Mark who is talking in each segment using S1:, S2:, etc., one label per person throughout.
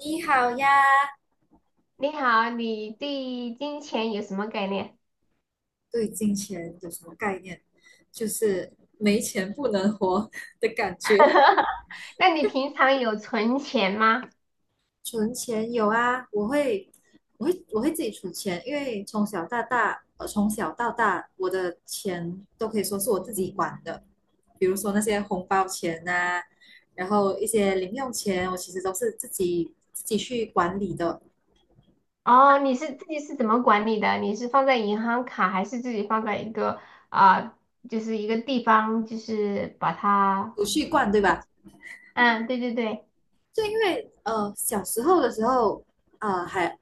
S1: 你好呀，
S2: 你好，你对金钱有什么概念？
S1: 对金钱有什么概念？就是没钱不能活 的感觉。
S2: 那你平常有存钱吗？
S1: 存钱有啊，我会自己储钱，因为从小到大，我的钱都可以说是我自己管的，比如说那些红包钱呐、然后一些零用钱，我其实都是自己去管理的，
S2: 哦，你是自己是怎么管理的？你是放在银行卡，还是自己放在一个啊、就是一个地方，就是把它……
S1: 储蓄罐，对吧？
S2: 嗯，对对对。
S1: 就因为小时候的时候，呃还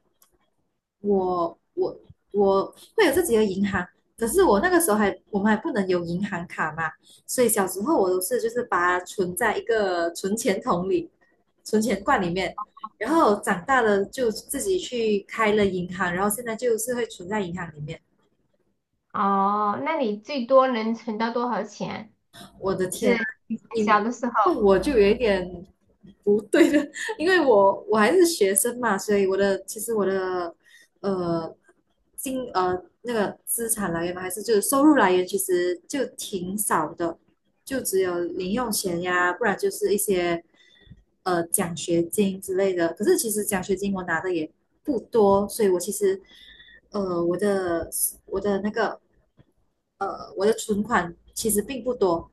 S1: 我我我会有自己的银行，可是我那个时候还我们还不能有银行卡嘛，所以小时候我都是就是把它存在一个存钱桶里、存钱罐里面，然后长大了就自己去开了银行，然后现在就是会存在银行里面。
S2: 哦，那你最多能存到多少钱？
S1: 我的
S2: 就
S1: 天啊，
S2: 是以前小
S1: 你
S2: 的时候。
S1: 问我就有一点不对了，因为我还是学生嘛，所以其实我的呃金呃那个资产来源嘛，还是就是收入来源其实就挺少的，就只有零用钱呀，不然就是一些奖学金之类的。可是其实奖学金我拿的也不多，所以我其实呃我的我的那个我的存款其实并不多，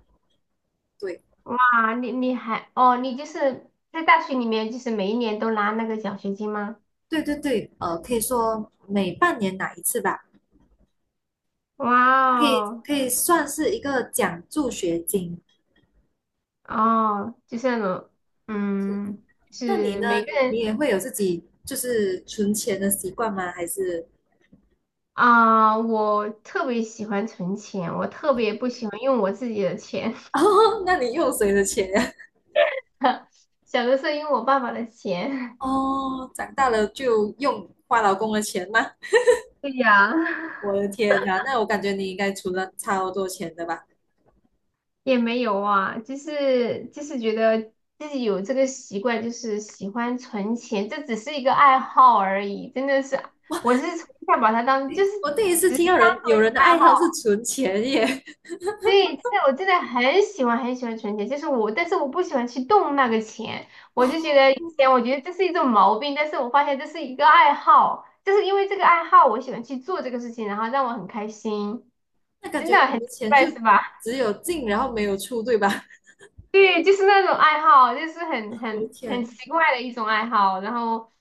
S1: 对。
S2: 啊，你还哦，你就是在大学里面，就是每一年都拿那个奖学金吗？
S1: 对对对，可以说每半年拿一次吧，
S2: 哇，哦！
S1: 可以算是一个奖助学金。
S2: 哦，就是那种。嗯，
S1: 那你
S2: 是
S1: 呢？
S2: 每个
S1: 你
S2: 人。
S1: 也会有自己就是存钱的习惯吗？还是
S2: 我特别喜欢存钱，我特别不喜欢用我自己的钱。
S1: 哦，那你用谁的钱呀？
S2: 小的时候用我爸爸的 钱。
S1: 哦，长大了就用花老公的钱吗？
S2: 对呀。
S1: 我的天呐，那我感觉你应该存了超多钱的吧？
S2: 也没有啊，就是觉得自己有这个习惯，就是喜欢存钱，这只是一个爱好而已，真的是，我是从小把它当就是
S1: 我第一次
S2: 只
S1: 听
S2: 是
S1: 到
S2: 当做
S1: 有
S2: 一个
S1: 人的爱
S2: 爱好。
S1: 好是存钱耶，
S2: 对，但是我真的很喜欢很喜欢存钱，就是我，但是我不喜欢去动那个钱，我
S1: 哇，
S2: 就觉得以前我觉得这是一种毛病，但是我发现这是一个爱好，就是因为这个爱好，我喜欢去做这个事情，然后让我很开心，
S1: 那感
S2: 真
S1: 觉
S2: 的
S1: 你
S2: 很
S1: 的
S2: 奇
S1: 钱就
S2: 怪是吧？
S1: 只有进然后没有出，对吧？
S2: 对，就是那种爱好，就是很
S1: 我的
S2: 很
S1: 天，
S2: 很奇怪的一种爱好。然后，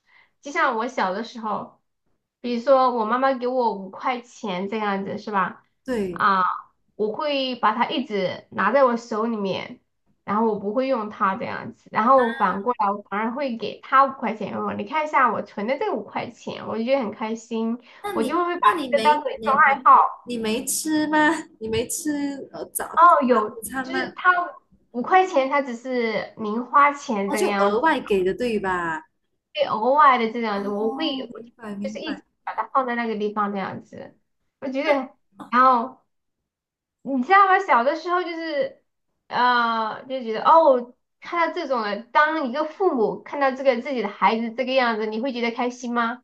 S2: 就像我小的时候，比如说我妈妈给我五块钱这样子，是吧？
S1: 对。
S2: 啊，我会把它一直拿在我手里面，然后我不会用它这样子。然后反过来，我反而会给他五块钱。哦，你看一下我存的这五块钱，我就觉得很开心，
S1: 那
S2: 我就
S1: 你
S2: 会把
S1: 那你
S2: 这个当
S1: 没
S2: 做一
S1: 你
S2: 种
S1: 你
S2: 爱好。
S1: 你没吃吗？你没吃早
S2: 哦，有，
S1: 午餐
S2: 就是
S1: 吗？
S2: 他五块钱，他只是零花钱
S1: 哦，
S2: 这个
S1: 就
S2: 样
S1: 额
S2: 子。
S1: 外给的对吧？
S2: 会偶尔的这样子，我会
S1: 哦，
S2: 我
S1: 明白
S2: 就
S1: 明
S2: 是一直
S1: 白。
S2: 把它放在那个地方这样子。我觉得，然后你知道吗？小的时候就是，就觉得哦，看到这种的，当一个父母看到这个自己的孩子这个样子，你会觉得开心吗？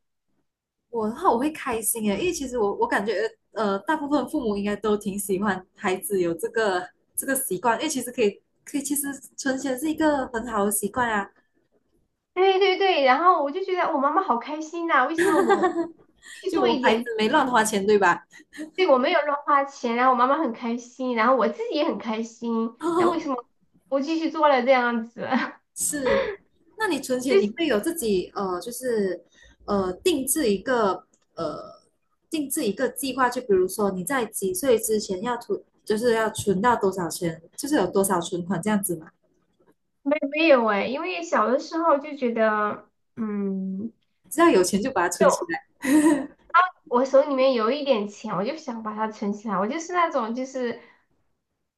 S1: 我的话我会开心诶，因为其实我感觉大部分父母应该都挺喜欢孩子有这个习惯，因为其实可以可以，其实存钱是一个很好的习惯啊。
S2: 对对对，然后我就觉得我妈妈好开心呐、为什么我去
S1: 就
S2: 做
S1: 我
S2: 一
S1: 孩子
S2: 点，
S1: 没乱花钱对吧？
S2: 对我没有乱花钱，然后我妈妈很开心，然后我自己也很开心，那为什 么我继续做了这样子？
S1: 是，那你存 钱
S2: 就
S1: 你
S2: 是。
S1: 会有自己就是呃定制一个呃定制一个计划，就比如说你在几岁之前要存，就是要存到多少钱，就是有多少存款这样子嘛，
S2: 没有哎，因为小的时候就觉得，嗯，
S1: 只要有钱就把它存起
S2: 就
S1: 来。
S2: 我手里面有一点钱，我就想把它存起来。我就是那种，就是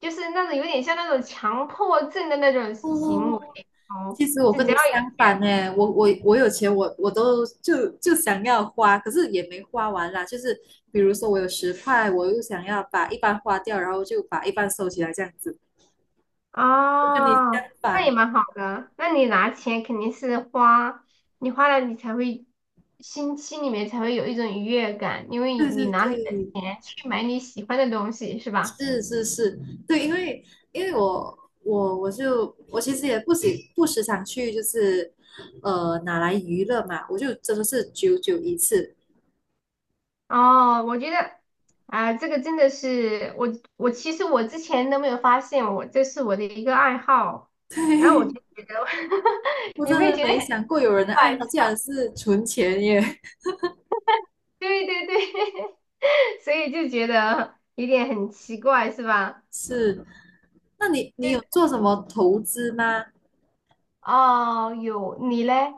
S2: 那种有点像那种强迫症的那种行
S1: 哦，
S2: 为哦，
S1: 其实我
S2: 就
S1: 跟
S2: 只
S1: 你
S2: 要有
S1: 相反
S2: 钱。
S1: 呢，我有钱我都就想要花，可是也没花完啦。就是比如说我有10块，我又想要把一半花掉，然后就把一半收起来这样子，我跟你
S2: 啊，
S1: 相
S2: 哦，那也
S1: 反。
S2: 蛮好的。那你拿钱肯定是花，你花了你才会心里面才会有一种愉悦感，因为
S1: 对
S2: 你
S1: 对
S2: 拿你的
S1: 对，
S2: 钱去买你喜欢的东西，是吧？
S1: 是是是，对，因为我其实也不时常去，就是拿来娱乐嘛，我就真的是久久一次。
S2: 哦，我觉得。这个真的是我，我其实我之前都没有发现我，这是我的一个爱好，然后我就
S1: 对，
S2: 觉得
S1: 我
S2: 你
S1: 真
S2: 没有
S1: 的
S2: 觉得
S1: 没
S2: 很
S1: 想过有人的
S2: 怪？
S1: 爱好竟然是存钱耶。
S2: 对对对，所以就觉得有点很奇怪，是吧？
S1: 是，那你
S2: 就是
S1: 有做什么投资吗？
S2: 哦，有你嘞？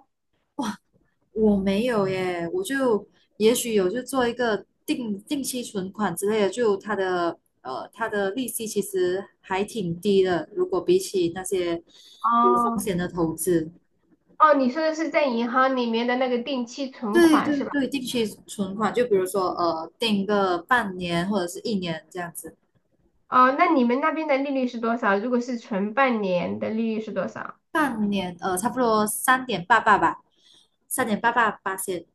S1: 我没有耶，我就也许有就做一个定期存款之类的，就它的利息其实还挺低的，如果比起那些有风
S2: 哦，
S1: 险的投资，
S2: 哦，你说的是在银行里面的那个定期存
S1: 对
S2: 款
S1: 对
S2: 是吧？
S1: 对，定期存款就比如说定个半年或者是一年这样子，
S2: 哦，那你们那边的利率是多少？如果是存半年的利率是多少？
S1: 半年差不多三点八八吧，三点八八八千，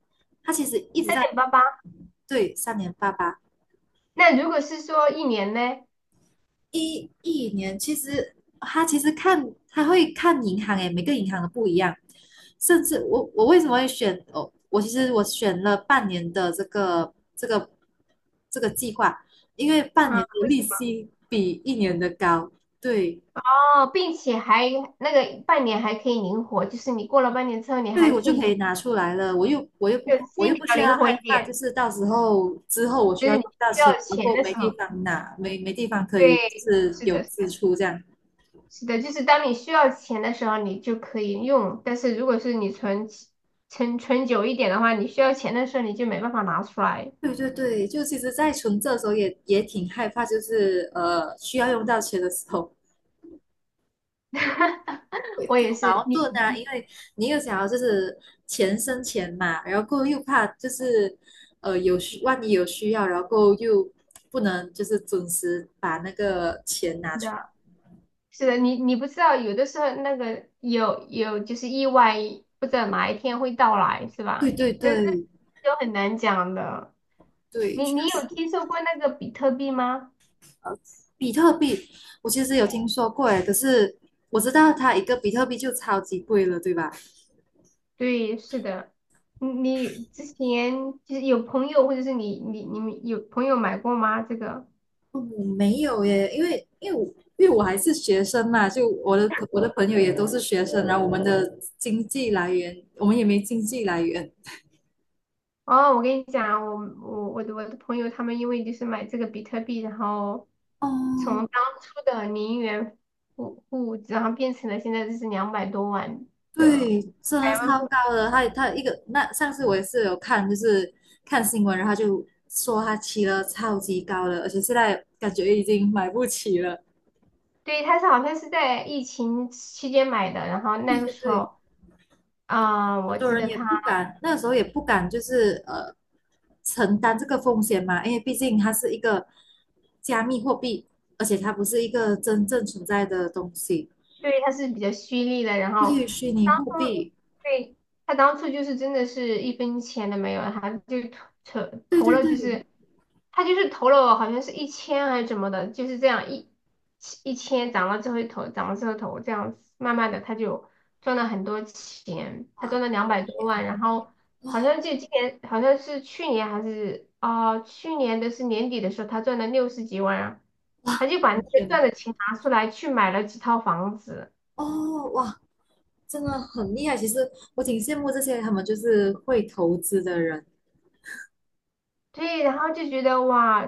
S1: 它其实一直
S2: 三
S1: 在。
S2: 点八八。
S1: 对，三点八八。
S2: 那如果是说一年呢？
S1: 一年其实他其实看他会看银行诶，每个银行的不一样。甚至我为什么会选哦？我其实我选了半年的这个计划，因为半
S2: 嗯，
S1: 年的
S2: 不行
S1: 利息比一年的高，对
S2: 哦，并且还那个半年还可以灵活，就是你过了半年之后，你
S1: 对，
S2: 还
S1: 我
S2: 可
S1: 就
S2: 以
S1: 可
S2: 就
S1: 以拿出来了。
S2: 就
S1: 我
S2: 心
S1: 又
S2: 比
S1: 不
S2: 较
S1: 需要
S2: 灵活
S1: 害
S2: 一
S1: 怕，就
S2: 点，
S1: 是到时候之后我需
S2: 就
S1: 要
S2: 是你
S1: 用到
S2: 需
S1: 钱，
S2: 要
S1: 如
S2: 钱
S1: 果
S2: 的
S1: 没
S2: 时
S1: 地
S2: 候，
S1: 方拿，没地方可以，就
S2: 对，
S1: 是
S2: 是
S1: 有
S2: 的，是
S1: 支
S2: 的，
S1: 出这样。
S2: 是的，就是当你需要钱的时候，你就可以用，但是如果是你存存久一点的话，你需要钱的时候你就没办法拿出来。
S1: 对对对，就其实，在存这的时候也挺害怕，就是需要用到钱的时候 会
S2: 我
S1: 比较
S2: 也是，
S1: 矛盾
S2: 你
S1: 啊，因
S2: 你
S1: 为你又想要就是钱生钱嘛，然后过后又怕就是万一有需要，然后过后又不能就是准时把那个钱拿
S2: 是
S1: 出。
S2: 的，是的，你不知道，有的时候那个有就是意外，不知道哪一天会到来，是
S1: 对
S2: 吧？
S1: 对
S2: 这
S1: 对
S2: 就很难讲的。
S1: 对，
S2: 你
S1: 确
S2: 你有
S1: 实，
S2: 听说过那个比特币吗？
S1: 呃，比特币我其实有听说过诶，可是我知道它一个比特币就超级贵了，对吧？
S2: 对，是的。你之前就是有朋友或者是你们有朋友买过吗？这个？
S1: 哦，没有耶，因为我还是学生嘛，就我的朋友也都是学生，然后我们的经济来源，我们也没经济来源。
S2: 哦，我跟你讲，我的朋友他们因为就是买这个比特币，然后从
S1: 哦，
S2: 当初的0元户，然后变成了现在就是两百多万的
S1: 对，真
S2: 百
S1: 的
S2: 万
S1: 超
S2: 富。
S1: 高的。他一个那上次我也是有看，就是看新闻，然后他就说他骑了超级高的，而且现在感觉已经买不起了。
S2: 对，他是好像是在疫情期间买的，然后那
S1: 对
S2: 个
S1: 对
S2: 时
S1: 对，
S2: 候。
S1: 很
S2: 我
S1: 多
S2: 记
S1: 人
S2: 得
S1: 也
S2: 他。
S1: 不敢，那个时候也不敢，就是承担这个风险嘛，因为毕竟它是一个加密货币，而且它不是一个真正存在的东西。
S2: 对，他是比较蓄利的，然
S1: 对
S2: 后
S1: 于虚拟
S2: 当
S1: 货
S2: 初
S1: 币，
S2: 对他当初就是真的是一分钱都没有，他就投投
S1: 对
S2: 投
S1: 对
S2: 了，就
S1: 对，
S2: 是他就是投了好像是一千还是怎么的，就是这样一千涨了之后投，涨了之后投，这样子慢慢的他就赚了很多钱，他赚了两百多万，然后好像就今年好像是去年还是去年的是年底的时候，他赚了60几万啊，
S1: 哇，
S2: 他就把
S1: 我
S2: 那
S1: 的
S2: 个
S1: 天哪，
S2: 赚的钱拿出来去买了几套房子。
S1: 哦，哇，真的很厉害。其实我挺羡慕这些他们就是会投资的人，
S2: 对，然后就觉得哇，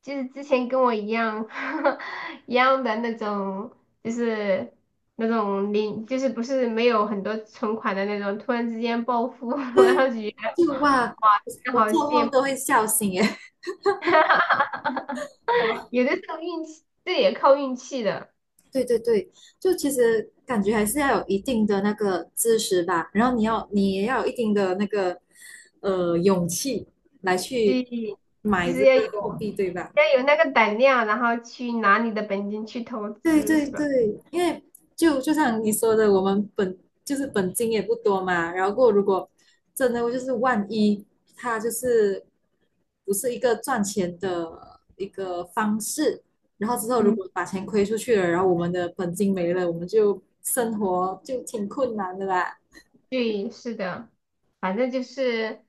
S2: 就是之前跟我一样 一样的那种，就是那种零，就是不是没有很多存款的那种，突然之间暴富，然后
S1: 对，
S2: 就觉得
S1: 就哇，
S2: 哇，真
S1: 我
S2: 的好
S1: 做
S2: 羡
S1: 梦
S2: 慕。
S1: 都会笑醒耶。
S2: 有的时候运气，这也靠运气的，
S1: 对对对，就其实感觉还是要有一定的那个知识吧，然后你也要有一定的那个勇气来
S2: 所
S1: 去
S2: 以就
S1: 买
S2: 是
S1: 这个
S2: 要有
S1: 货币，对吧？
S2: 要有那个胆量，然后去拿你的本金去投
S1: 对
S2: 资，
S1: 对
S2: 是吧？
S1: 对，因为就像你说的，我们就是本金也不多嘛，然后过后如果真的就是万一它就是不是一个赚钱的一个方式，然后之后如
S2: 嗯。
S1: 果把钱亏出去了，然后我们的本金没了，我们就生活就挺困难的啦。
S2: 对，是的，反正就是，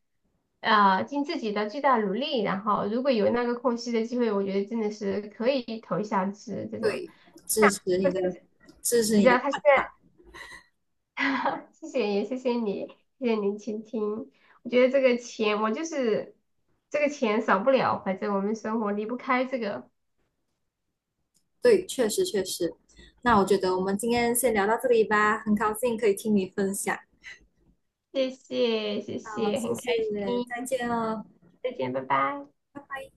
S2: 尽自己的最大努力，然后如果有那个空隙的机会，我觉得真的是可以投一下资这种。
S1: 对，支持
S2: 但
S1: 你
S2: 是
S1: 的，支持
S2: 你
S1: 你
S2: 知
S1: 的
S2: 道他现
S1: 看
S2: 在，
S1: 法。
S2: 谢谢也谢谢你，谢谢您倾听。我觉得这个钱，我就是这个钱少不了，反正我们生活离不开这个。
S1: 对，确实确实。那我觉得我们今天先聊到这里吧，很高兴可以听你分享。
S2: 谢谢，谢
S1: 好，
S2: 谢，
S1: 谢
S2: 很开
S1: 谢，再
S2: 心，
S1: 见哦，
S2: 再见，拜拜。
S1: 拜拜。